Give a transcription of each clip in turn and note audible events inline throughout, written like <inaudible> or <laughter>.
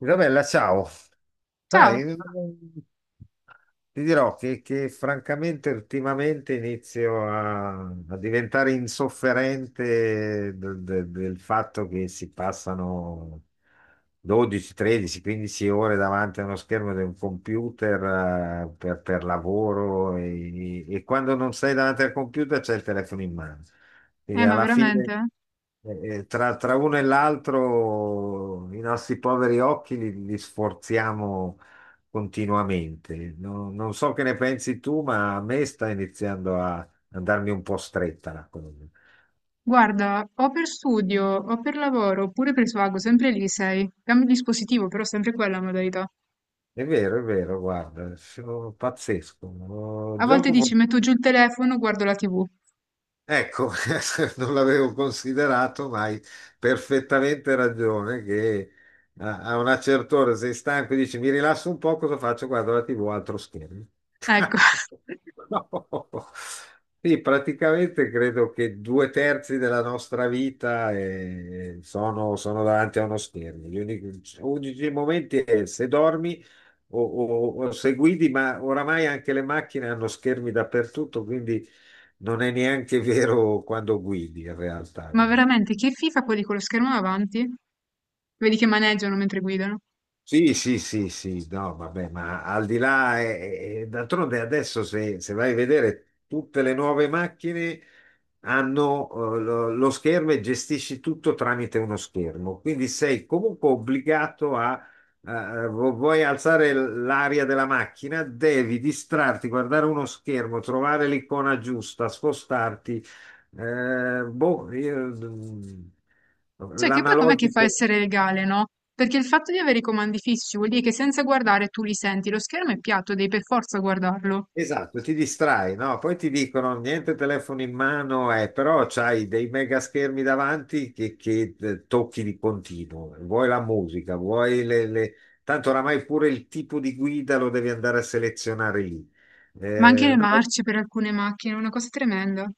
Isabella, ciao. Ciao, Sai, ti dirò che francamente ultimamente inizio a diventare insofferente del fatto che si passano 12, 13, 15 ore davanti a uno schermo di un computer per lavoro e quando non sei davanti al computer c'è il telefono in mano. Quindi ma alla fine veramente? Tra uno e l'altro i nostri poveri occhi li sforziamo continuamente. Non so che ne pensi tu, ma a me sta iniziando a andarmi un po' stretta la cosa. Guarda, o per studio, o per lavoro, oppure per svago, sempre lì sei. Cambio dispositivo, però sempre quella modalità. È vero, guarda, sono pazzesco. Oh, A volte gioco. dici, metto giù il telefono, guardo la TV. Ecco, <laughs> non l'avevo considerato, ma hai perfettamente ragione che a una certa ora sei stanco e dici mi rilasso un po', cosa faccio? Guardo la TV, altro schermo. Ecco, <laughs> <laughs> No. Sì, praticamente credo che due terzi della nostra vita sono davanti a uno schermo. Gli unici, unici momenti è se dormi o se guidi, ma oramai anche le macchine hanno schermi dappertutto, quindi non è neanche vero quando guidi in realtà, ma guarda. veramente, che FIFA quelli con lo schermo davanti? Vedi che maneggiano mentre guidano. Sì, sì, sì, sì, no, vabbè, ma al di là, d'altronde adesso se vai a vedere tutte le nuove macchine hanno lo schermo e gestisci tutto tramite uno schermo, quindi sei comunque obbligato a, vuoi alzare l'aria della macchina, devi distrarti, guardare uno schermo, trovare l'icona giusta, spostarti, boh, Cioè, che poi com'è che fa a l'analogico. essere legale, no? Perché il fatto di avere i comandi fissi vuol dire che senza guardare tu li senti, lo schermo è piatto, devi per forza guardarlo. Esatto, ti distrai, no? Poi ti dicono niente telefono in mano, però c'hai dei mega schermi davanti che tocchi di continuo. Vuoi la musica, vuoi le. Tanto oramai pure il tipo di guida lo devi andare a selezionare lì. Ma anche le No, marce per alcune macchine, una cosa tremenda.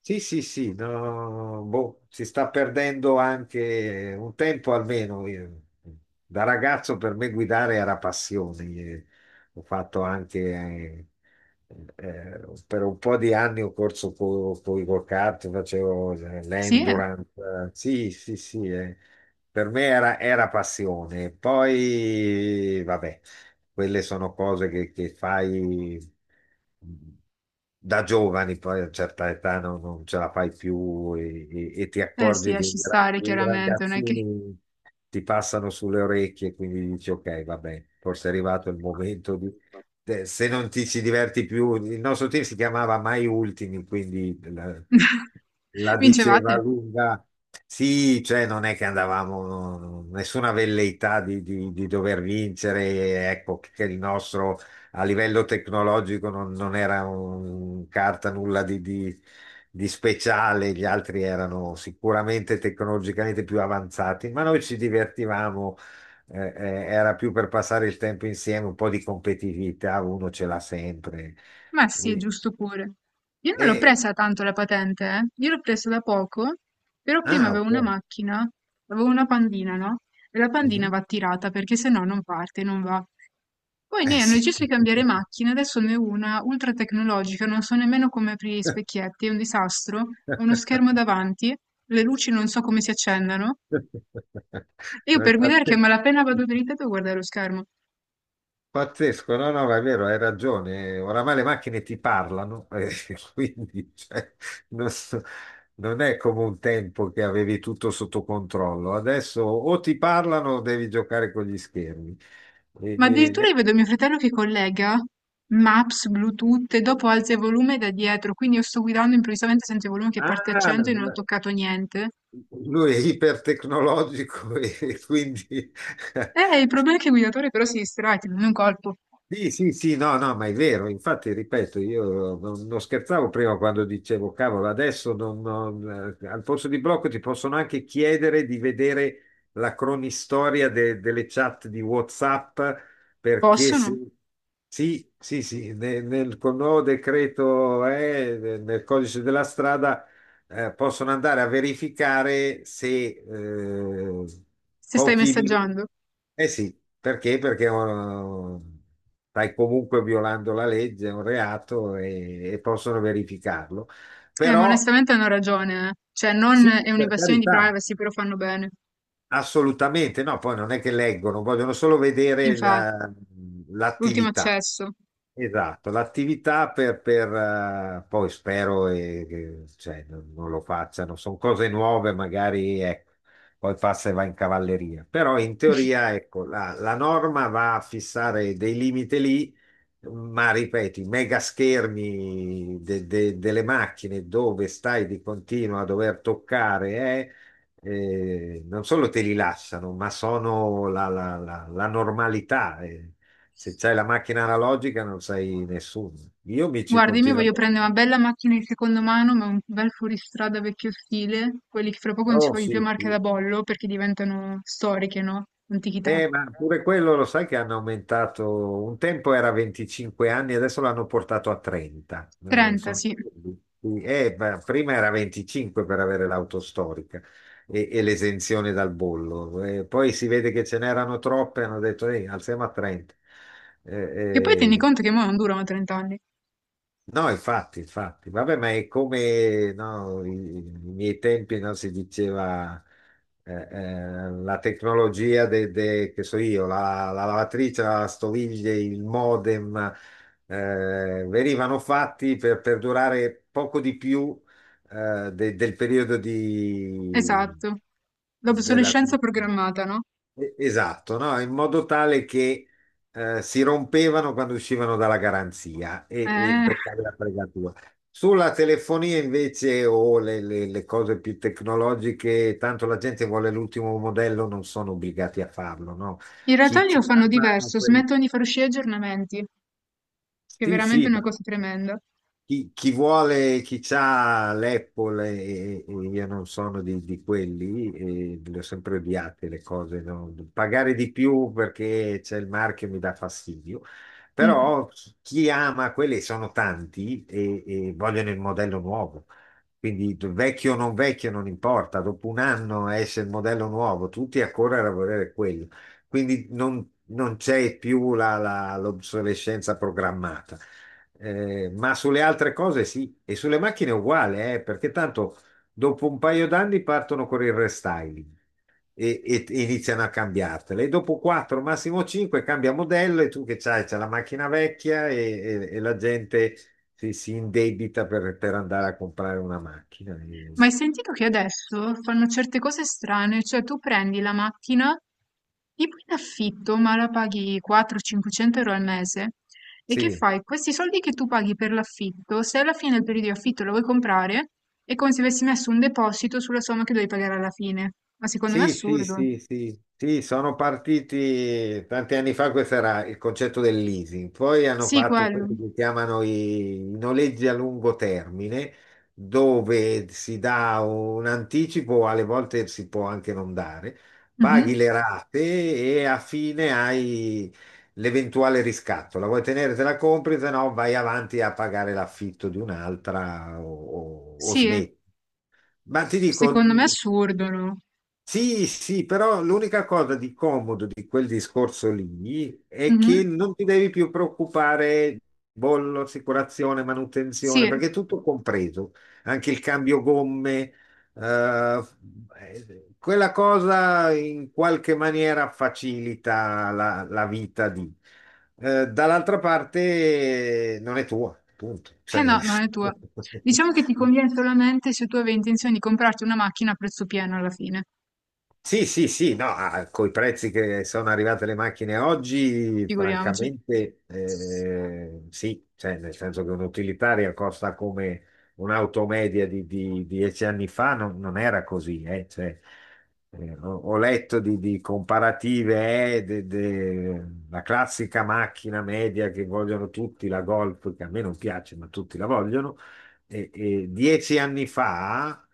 sì, sì, sì, no, boh, si sta perdendo anche un tempo almeno. Io... Da ragazzo per me guidare era passione. Ho fatto anche eh, per un po' di anni ho corso con i go-kart, facevo Sì, eh. l'endurance. Eh, sì, sì, sì, per me era passione. Poi, vabbè, quelle sono cose che fai da giovani, poi a certa età non ce la fai più e ti Eh sì, accorgi che lasci stare i chiaramente, non è che ragazzini ti passano sulle orecchie, quindi dici ok, vabbè, forse è arrivato il momento di... Se non ti ci diverti più, il nostro team si chiamava Mai Ultimi, quindi la <laughs> diceva vincevate? lunga. Sì, cioè non è che andavamo, nessuna velleità di dover vincere, ecco che il nostro a livello tecnologico non era un carta nulla di speciale, gli altri erano sicuramente tecnologicamente più avanzati, ma noi ci divertivamo, era più per passare il tempo insieme, un po' di competitività, uno ce l'ha sempre. Ma sì, è E, giusto pure. Io non l'ho e- presa tanto la patente, eh. Io l'ho presa da poco, però prima ah, avevo una ok. macchina, avevo una pandina, no? E la pandina Mhm. va tirata perché se no non parte, non va. Poi i Eh miei hanno sì. deciso di cambiare macchina, adesso ne ho una ultra tecnologica, non so nemmeno come aprire gli specchietti, è un disastro, ho uno schermo <laughs> davanti, le luci non so come si accendano, e io No, è per guidare che a pazze- malapena vado dritta devo guardare lo schermo. Pazzesco, no, no, ma è vero, hai ragione. Oramai le macchine ti parlano, <laughs> quindi cioè, non, so- non è come un tempo che avevi tutto sotto controllo. Adesso o ti parlano o devi giocare con gli schermi. E- Ma e- addirittura io e- vedo mio fratello che collega Maps, Bluetooth e dopo alza il volume da dietro, quindi io sto guidando improvvisamente sento il volume che parte a ah, 100 e non ho toccato niente. lui è ipertecnologico <laughs> e quindi <laughs> Il problema è che il guidatore però si distrae, ti prende un colpo. sì, sì, sì, no, no, ma è vero, infatti, ripeto, io non scherzavo prima quando dicevo, cavolo, adesso al posto di blocco ti possono anche chiedere di vedere la cronistoria delle chat di WhatsApp, perché Possono? se... Sì, sì, sì, col nuovo decreto, nel codice della strada possono andare a verificare se eh, Se stai pochi minuti. messaggiando. Eh sì, perché? Perché oh, stai comunque violando la legge, è un reato e possono verificarlo. Ma Però onestamente hanno ragione, eh. Cioè, non sì, è per un'invasione di carità, privacy, però fanno bene. assolutamente, no, poi non è che leggono, vogliono solo vedere Infatti, l'ultimo l'attività. accesso. Esatto, l'attività per poi spero che cioè, non lo facciano, sono cose nuove, magari ecco, poi passa e va in cavalleria. Però in teoria ecco, la norma va a fissare dei limiti lì, ma ripeto, i mega schermi delle macchine dove stai di continuo a dover toccare, non solo te li lasciano, ma sono la normalità. Eh. Se c'hai la macchina analogica non sei nessuno. Io mi ci Guarda, io mi continuo. voglio prendere una bella macchina di seconda mano, ma un bel fuoristrada vecchio stile, quelli che fra poco non si Oh, vogliono più sì, marche da sì. bollo perché diventano storiche, no? Antichità. Ma pure quello lo sai che hanno aumentato, un tempo era 25 anni, adesso l'hanno portato a 30. 30, son... sì. Ma prima era 25 per avere l'auto storica e l'esenzione dal bollo. Poi si vede che ce n'erano troppe, hanno detto, alziamo a 30. Eh, Che poi tieni eh, conto che mo non durano 30 anni. No, infatti, infatti, vabbè, ma è come no, i miei tempi no, si diceva la tecnologia che so io, la lavatrice, la stoviglie, il modem, venivano fatti per durare poco di più del periodo di, Esatto. della, L'obsolescenza programmata, no? Esatto, no? In modo tale che si rompevano quando uscivano dalla garanzia e Eh. per fare la fregatura. Sulla telefonia invece o le cose più tecnologiche, tanto la gente vuole l'ultimo modello, non sono obbligati a farlo, no? In realtà Chi, lì chi lo fanno ama diverso, quel... smettono di far uscire aggiornamenti, che è Sì, veramente sì, una ma cosa tremenda. chi vuole, chi ha l'Apple e io non sono di quelli, e le ho sempre odiate le cose, no? Pagare di più perché c'è il marchio mi dà fastidio, Mm. però chi chi ama quelli sono tanti e vogliono il modello nuovo, quindi vecchio o non vecchio non importa, dopo un anno esce il modello nuovo, tutti a correre a volere quello, quindi non c'è più l'obsolescenza programmata. Ma sulle altre cose sì, e sulle macchine è uguale, perché tanto dopo un paio d'anni partono con il restyling e iniziano a cambiartele. E dopo 4, massimo 5, cambia modello e tu che c'hai, c'è la macchina vecchia e la gente si indebita per andare a comprare una macchina. Ma hai sentito che adesso fanno certe cose strane? Cioè tu prendi la macchina tipo in affitto, ma la paghi 400-500 euro al mese. E che Sì, fai? Questi soldi che tu paghi per l'affitto, se alla fine del periodo di affitto la vuoi comprare, è come se avessi messo un deposito sulla somma che devi pagare alla fine. Ma secondo me è sì, sì, assurdo. sì, sì, sì, sono partiti tanti anni fa, questo era il concetto del leasing, poi hanno Sì, fatto quelli quello. che chiamano i noleggi a lungo termine, dove si dà un anticipo, alle volte si può anche non dare, paghi Mhm. le rate e a fine hai l'eventuale riscatto, la vuoi tenere, te la compri, se no vai avanti a pagare l'affitto di un'altra o, o Sì, smetti. Ma ti dico, secondo me è assurdo, no? sì, sì, però l'unica cosa di comodo di quel discorso lì è che Mhm. non ti devi più preoccupare bollo, assicurazione, manutenzione, Sì. perché è tutto compreso, anche il cambio gomme, eh, quella cosa in qualche maniera facilita la vita di. Dall'altra parte non è tua, punto. Eh Cioè, no, non è tua. <laughs> Diciamo che ti conviene solamente se tu avevi intenzione di comprarti una macchina a prezzo pieno alla fine, sì, sì, sì, no, ah, coi prezzi che sono arrivate le macchine oggi, figuriamoci. francamente, sì, cioè, nel senso che un'utilitaria costa come un'auto media di 10 anni fa, non era così, cioè, ho letto di comparative, la classica macchina media che vogliono tutti, la Golf, che a me non piace, ma tutti la vogliono, e 10 anni fa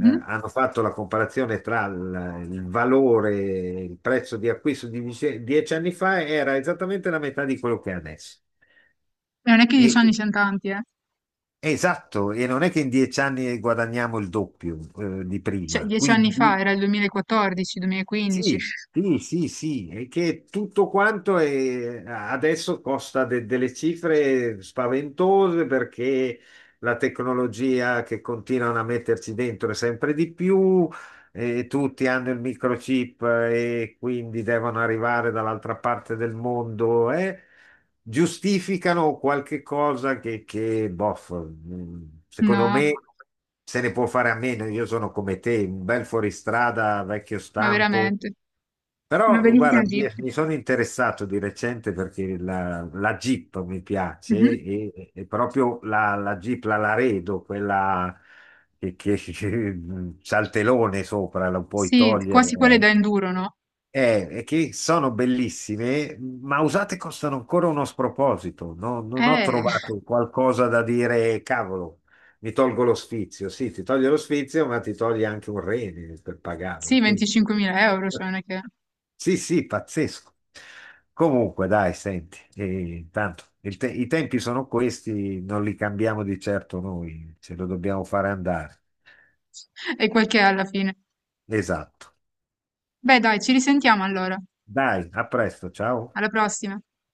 hanno fatto la comparazione tra il valore, il prezzo di acquisto di 10, 10 anni fa era esattamente la metà di quello che è adesso. E non è che 10 anni E- siano tanti, eh. esatto, e non è che in 10 anni guadagniamo il doppio, di Cioè, prima. 10 anni fa Quindi era il 2014, 2015. sì, sì, sì, sì, è che tutto quanto adesso costa delle cifre spaventose perché la tecnologia che continuano a metterci dentro è sempre di più, e tutti hanno il microchip e quindi devono arrivare dall'altra parte del mondo e giustificano qualche cosa che bof, mm, secondo No, me se ne può fare a meno. Io sono come te, un bel fuoristrada vecchio ma stampo veramente. Una però bellissima guarda, mi, Jeep. mi sono interessato di recente perché la Jeep mi piace Mhm. e proprio la Jeep, la Laredo, quella che <laughs> che c'ha il telone sopra, lo puoi Sì, quasi quelle da togliere, enduro, no? È che sono bellissime, ma usate costano ancora uno sproposito. Non ho Eh, trovato qualcosa da dire, cavolo, mi tolgo lo sfizio. Sì, ti toglie lo sfizio, ma ti toglie anche un rene per pagarla. sì, Quindi, 25.000 euro, cioè non è che... sì, sì, pazzesco. Comunque, dai, senti, tanto i tempi sono questi, non li cambiamo di certo noi, ce lo dobbiamo fare andare. E quel che è alla fine. Esatto. Beh, dai, ci risentiamo allora. Dai, a presto, ciao. Alla prossima.